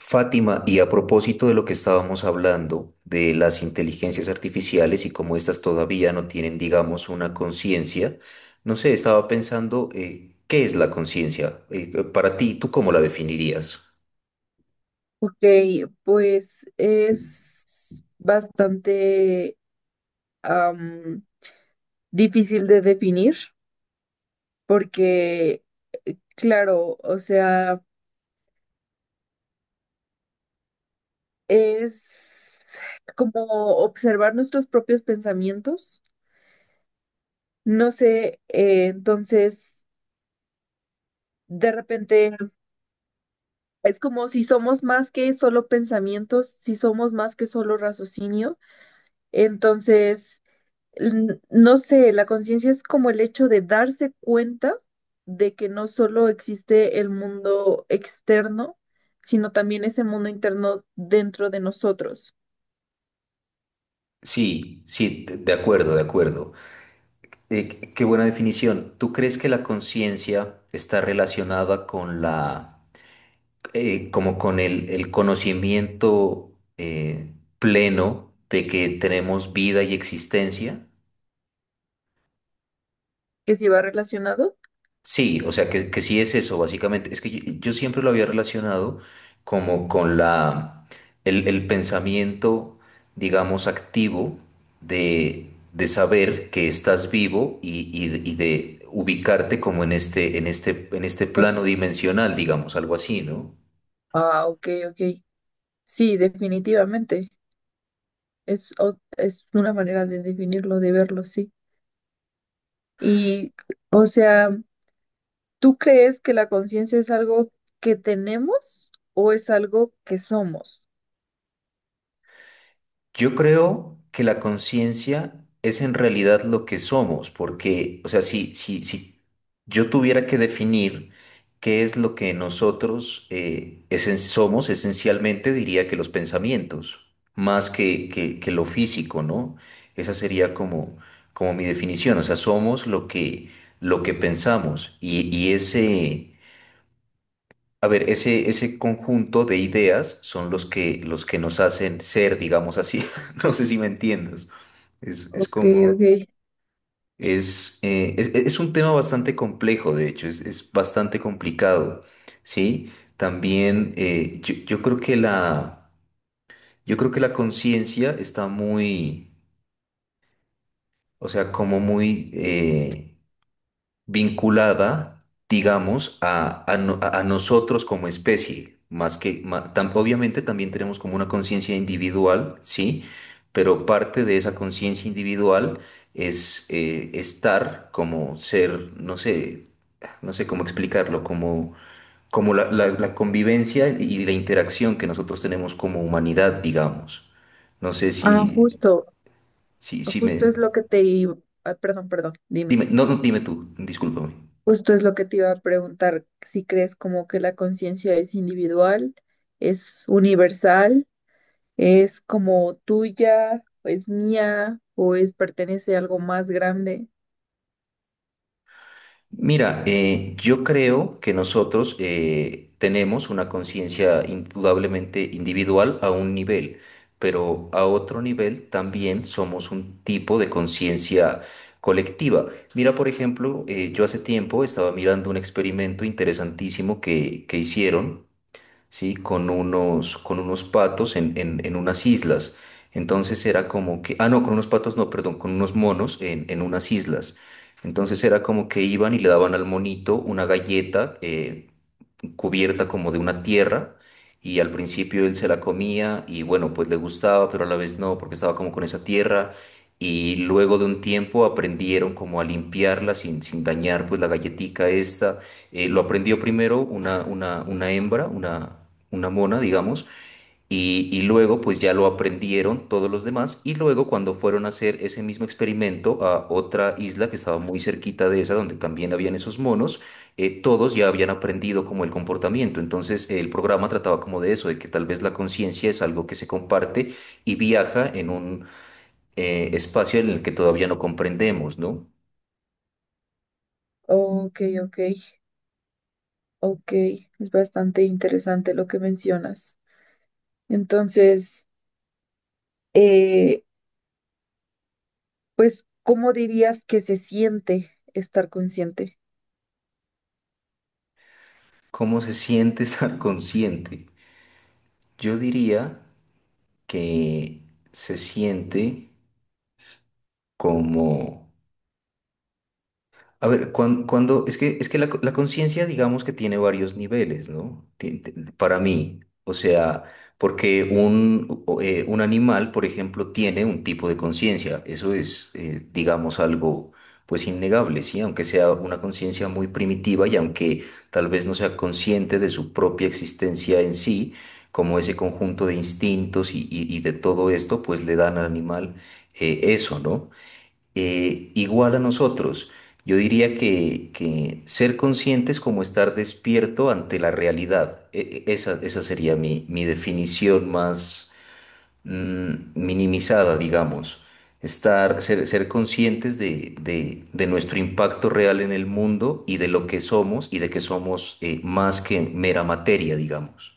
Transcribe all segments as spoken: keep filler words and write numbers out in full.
Fátima, y a propósito de lo que estábamos hablando de las inteligencias artificiales y cómo estas todavía no tienen, digamos, una conciencia, no sé, estaba pensando, eh, ¿qué es la conciencia? Eh, para ti, ¿tú cómo la definirías? Ok, pues es bastante am, difícil de definir porque, claro, o sea, es como observar nuestros propios pensamientos. No sé, eh, entonces, de repente, es como si somos más que solo pensamientos, si somos más que solo raciocinio. Entonces, n- no sé, la conciencia es como el hecho de darse cuenta de que no solo existe el mundo externo, sino también ese mundo interno dentro de nosotros, Sí, sí, de de acuerdo, de acuerdo. Eh, qué qué buena definición. ¿Tú crees que la conciencia está relacionada con la, eh, como con el, el conocimiento eh, pleno de que tenemos vida y existencia? que si va relacionado. Sí, o sea, que, que sí es eso, básicamente. Es que yo, yo siempre lo había relacionado como con la, el, el pensamiento, digamos, activo de, de saber que estás vivo y, y y de ubicarte como en este, en este, en este es- plano dimensional, digamos, algo así, ¿no? ah, ok, ok. Sí, definitivamente. Es, o- es una manera de definirlo, de verlo, sí. Y, o sea, ¿tú crees que la conciencia es algo que tenemos o es algo que somos? Yo creo que la conciencia es en realidad lo que somos, porque, o sea, si, si, si yo tuviera que definir qué es lo que nosotros eh, esen- somos, esencialmente diría que los pensamientos, más que, que, que lo físico, ¿no? Esa sería como, como mi definición, o sea, somos lo que, lo que pensamos y, y ese. A ver, ese, ese conjunto de ideas son los que, los que nos hacen ser, digamos así. No sé si me entiendes. Es, es Ok, como, ok. es, eh, es, es un tema bastante complejo, de hecho, es, es bastante complicado, ¿sí? También eh, yo, yo creo que la, yo creo que la conciencia está muy, o sea, como muy, eh, vinculada, digamos, a, a no- a- a nosotros como especie, más que, ma- tam- obviamente también tenemos como una conciencia individual, ¿sí? Pero parte de esa conciencia individual es eh, estar como ser, no sé, no sé cómo explicarlo, como, como la, la- la convivencia y la interacción que nosotros tenemos como humanidad, digamos. No sé Ah, si, justo, si, si me... justo es lo que te iba, ah, perdón, perdón, dime. Dime, no, no, dime tú, discúlpame. Justo es lo que te iba a preguntar, si crees como que la conciencia es individual, es universal, es como tuya, o es mía, o es pertenece a algo más grande. Mira, eh, yo creo que nosotros eh, tenemos una conciencia indudablemente individual a un nivel, pero a otro nivel también somos un tipo de conciencia colectiva. Mira, por ejemplo, eh, yo hace tiempo estaba mirando un experimento interesantísimo que, que hicieron, ¿sí? Con unos, con unos patos en, en, en unas islas. Entonces era como que, ah, no, con unos patos, no, perdón, con unos monos en, en unas islas. Entonces era como que iban y le daban al monito una galleta, eh, cubierta como de una tierra y al principio él se la comía y bueno, pues le gustaba, pero a la vez no, porque estaba como con esa tierra y luego de un tiempo aprendieron como a limpiarla sin, sin dañar pues la galletica esta. Eh, lo aprendió primero una, una, una hembra, una, una mona, digamos, y, y luego pues ya lo aprendieron todos los demás y luego cuando fueron a hacer ese mismo experimento a otra isla que estaba muy cerquita de esa donde también habían esos monos, eh, todos ya habían aprendido como el comportamiento. Entonces el programa trataba como de eso, de que tal vez la conciencia es algo que se comparte y viaja en un eh, espacio en el que todavía no comprendemos, ¿no? Ok, ok, ok. Es bastante interesante lo que mencionas. Entonces, eh, pues, ¿cómo dirías que se siente estar consciente? ¿Cómo se siente estar consciente? Yo diría que se siente como. A ver, cuan- cuando, es que, es que la, co- la conciencia, digamos que tiene varios niveles, ¿no? Ti- ti- Para mí, o sea, porque un, o- eh, un animal, por ejemplo, tiene un tipo de conciencia, eso es, eh, digamos, algo pues innegable, ¿sí? Aunque sea una conciencia muy primitiva y aunque tal vez no sea consciente de su propia existencia en sí, como ese conjunto de instintos y, y- y de todo esto, pues le dan al animal eh, eso, ¿no? eh, igual a nosotros. Yo diría que, que ser consciente es como estar despierto ante la realidad. E- e- esa, esa sería mi, mi definición más mm, minimizada, digamos. Estar, ser, ser conscientes de, de- de nuestro impacto real en el mundo y de lo que somos y de que somos eh, más que mera materia, digamos.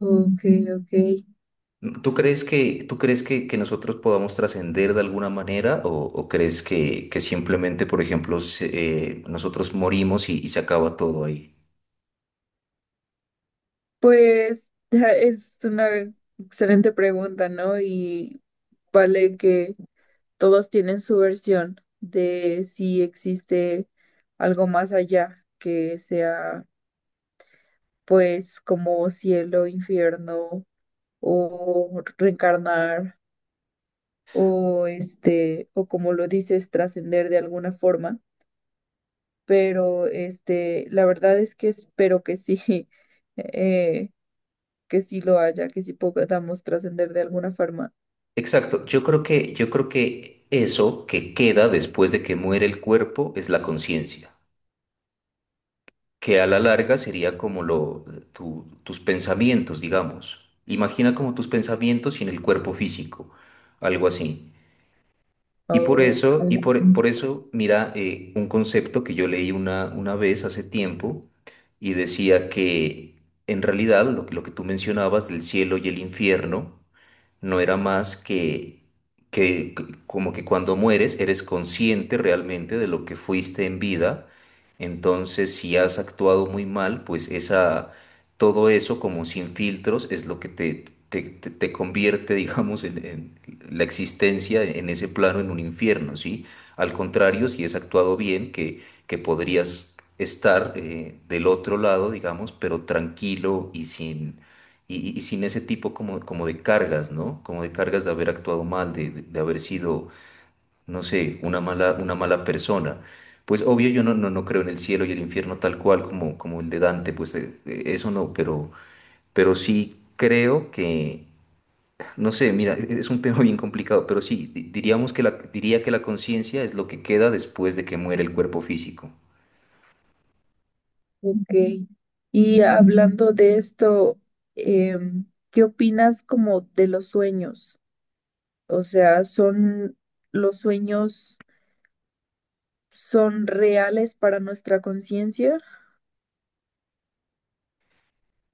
Ok, ok. ¿Tú crees que, tú crees que, que nosotros podamos trascender de alguna manera o, o crees que, que simplemente, por ejemplo, se- eh, nosotros morimos y, y se acaba todo ahí? Pues es una excelente pregunta, ¿no? Y vale que todos tienen su versión de si existe algo más allá que sea, pues, como cielo, infierno o reencarnar o este, o como lo dices, trascender de alguna forma. Pero este, la verdad es que espero que sí, eh, que sí lo haya, que sí podamos trascender de alguna forma. Exacto, yo creo que, yo creo que eso que queda después de que muere el cuerpo es la conciencia, que a la larga sería como lo, tu- tus pensamientos, digamos. Imagina como tus pensamientos sin el cuerpo físico, algo así. Y por Ok, eso, y por, por eso, mira, eh, un concepto que yo leí una, una vez hace tiempo y decía que en realidad lo, que- lo que tú mencionabas del cielo y el infierno, no era más que, que como que cuando mueres eres consciente realmente de lo que fuiste en vida, entonces si has actuado muy mal, pues esa, todo eso como sin filtros es lo que te, te, te- te convierte, digamos, en, en la existencia en ese plano en un infierno, ¿sí? Al contrario, si has actuado bien, que, que podrías estar eh, del otro lado, digamos, pero tranquilo y sin, y, y sin ese tipo como, como de cargas, ¿no? Como de cargas de haber actuado mal, de, de- de haber sido, no sé, una mala, una mala persona. Pues obvio yo no, no, no creo en el cielo y el infierno tal cual como, como el de Dante, pues eh, eh, eso no, pero, pero sí creo que, no sé, mira, e- es un tema bien complicado, pero sí, di- diríamos que la, diría que la conciencia es lo que queda después de que muere el cuerpo físico. ok. Y hablando de esto, em, ¿qué opinas como de los sueños? O sea, ¿son los sueños son reales para nuestra conciencia?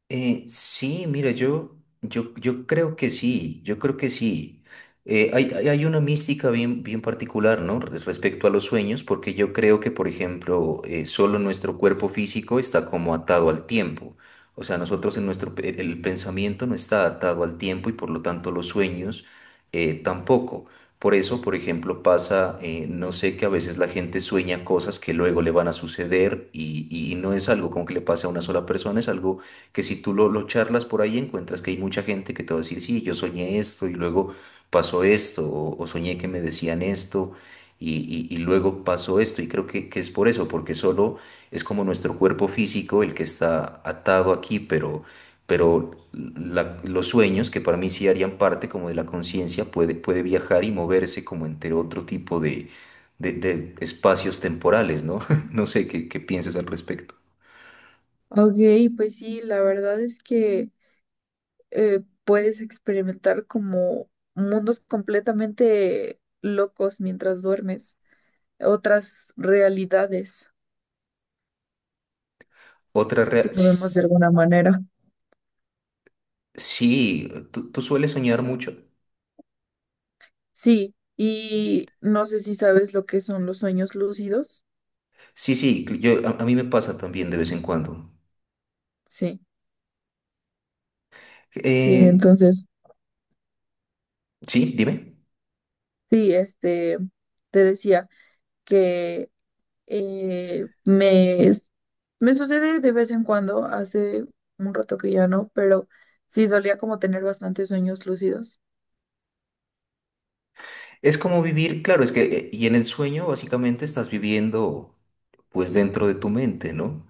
Eh, sí, mira, yo, yo, yo creo que sí, yo creo que sí. Eh, hay, hay hay una mística bien, bien particular, ¿no? Re- Respecto a los sueños, porque yo creo que, por ejemplo, eh, solo nuestro cuerpo físico está como atado al tiempo. O sea, nosotros en nuestro, pe- el pensamiento no está atado al tiempo y por lo tanto los sueños eh, tampoco. Por eso, por ejemplo, pasa, eh, no sé, que a veces la gente sueña cosas que luego le van a suceder y, y no es algo como que le pase a una sola persona, es algo que si tú lo, lo charlas por ahí encuentras que hay mucha gente que te va a decir, sí, yo soñé esto y luego pasó esto, o, o soñé que me decían esto y, y- y luego pasó esto. Y creo que, que es por eso, porque solo es como nuestro cuerpo físico el que está atado aquí, pero, pero la- los sueños, que para mí sí harían parte como de la conciencia, puede, puede viajar y moverse como entre otro tipo de... de- de espacios temporales, ¿no? No sé qué, qué piensas al respecto. Ok, pues sí, la verdad es que eh, puedes experimentar como mundos completamente locos mientras duermes, otras realidades, Otra si rea- lo vemos de alguna manera. Sí, tú, tú sueles soñar mucho. Sí, y no sé si sabes lo que son los sueños lúcidos. Sí, sí, yo, a, a mí me pasa también de vez en cuando. Sí, sí, Eh, entonces, sí, dime. sí, este, te decía que eh, me, es- me sucede de vez en cuando, hace un rato que ya no, pero sí solía como tener bastantes sueños lúcidos. Es como vivir, claro, es que, eh, y en el sueño básicamente estás viviendo pues dentro de tu mente, ¿no?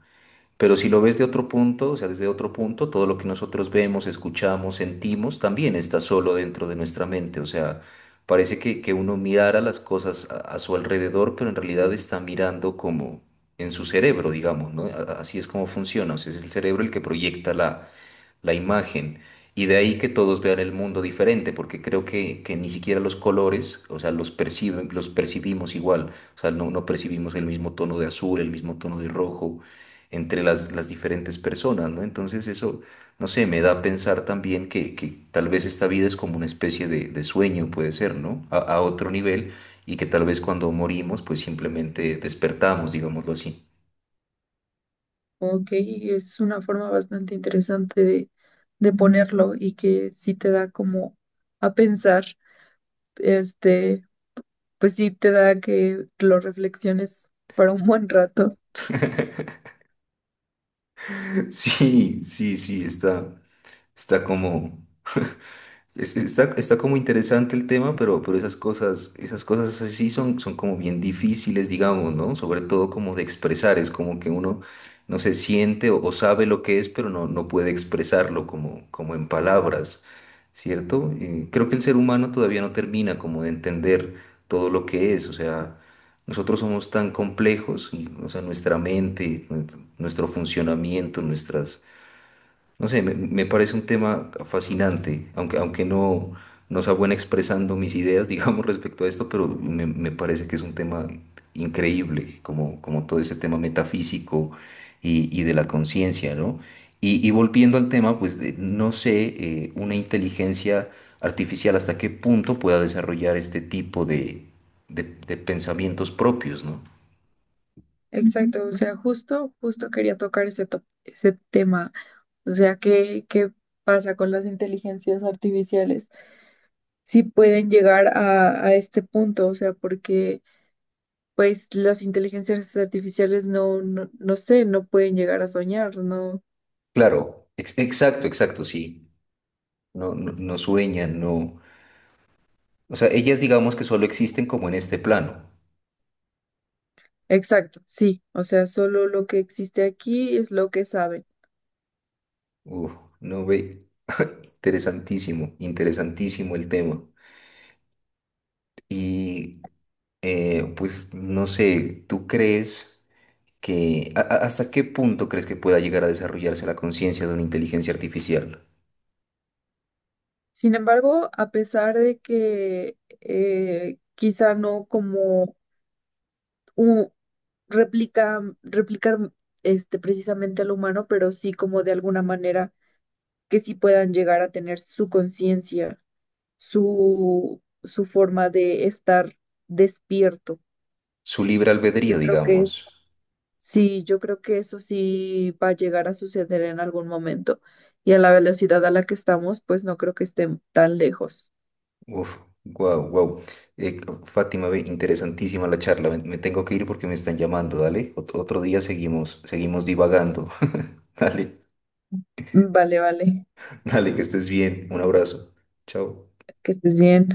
Pero si lo ves de otro punto, o sea, desde otro punto, todo lo que nosotros vemos, escuchamos, sentimos, también está solo dentro de nuestra mente. O sea, parece que, que uno mirara las cosas a, a su alrededor, pero en realidad está mirando como en su cerebro, digamos, ¿no? A- a- Así es como funciona. O sea, es el cerebro el que proyecta la, la imagen. Y de ahí que todos vean el mundo diferente, porque creo que, que ni siquiera los colores, o sea, los perciben, los percibimos igual. O sea, no, no percibimos el mismo tono de azul, el mismo tono de rojo entre las, las diferentes personas, ¿no? Entonces eso, no sé, me da a pensar también que, que tal vez esta vida es como una especie de, de sueño, puede ser, ¿no? A, a otro nivel, y que tal vez cuando morimos, pues simplemente despertamos, digámoslo así. Ok, es una forma bastante interesante de, de ponerlo y que sí te da como a pensar. Este, pues sí te da que lo reflexiones para un buen rato. Sí, sí, sí, está, está como. Es- Está, está como interesante el tema, pero, pero esas cosas, esas cosas así sí son, son como bien difíciles, digamos, ¿no? Sobre todo como de expresar, es como que uno no se siente o, o sabe lo que es, pero no, no puede expresarlo como, como en palabras, ¿cierto? Eh, creo que el ser humano todavía no termina como de entender todo lo que es, o sea, nosotros somos tan complejos, y, o sea, nuestra mente, nuestro nuestro funcionamiento, nuestras no sé, me, me parece un tema fascinante, aunque, aunque no, no sea bueno expresando mis ideas, digamos, respecto a esto, pero me, me parece que es un tema increíble, como, como todo ese tema metafísico y, y de la conciencia, ¿no? Y, y volviendo al tema, pues de- no sé, eh, una inteligencia artificial hasta qué punto pueda desarrollar este tipo de, de, de pensamientos propios, ¿no? Exacto, o sea, justo, justo quería tocar ese, to- ese tema. O sea, ¿qué, qué pasa con las inteligencias artificiales? Si pueden llegar a, a este punto, o sea, porque pues las inteligencias artificiales no, no, no sé, no pueden llegar a soñar, ¿no? Claro, ex- exacto, exacto, sí. No, no, no sueñan, no. O sea, ellas digamos que solo existen como en este plano. Exacto, sí, o sea, solo lo que existe aquí es lo que saben. Uf, no ve. Interesantísimo, interesantísimo el tema. Y eh, pues no sé, ¿tú crees que a- a- hasta qué punto crees que pueda llegar a desarrollarse la conciencia de una inteligencia artificial? Sin embargo, a pesar de que eh, quizá no como un, replica, replicar este, precisamente al humano, pero sí como de alguna manera que sí puedan llegar a tener su conciencia, su, su forma de estar despierto. Su libre Yo albedrío, creo que es, digamos. sí, yo creo que eso sí va a llegar a suceder en algún momento. Y a la velocidad a la que estamos, pues no creo que estén tan lejos. Uf, wow, wow. Fátima, ve, interesantísima la charla. Me, me tengo que ir porque me están llamando, dale. Ot- otro día seguimos, seguimos divagando. Dale. Vale, vale, Dale, que estés bien. Un abrazo. Chao. que estés bien.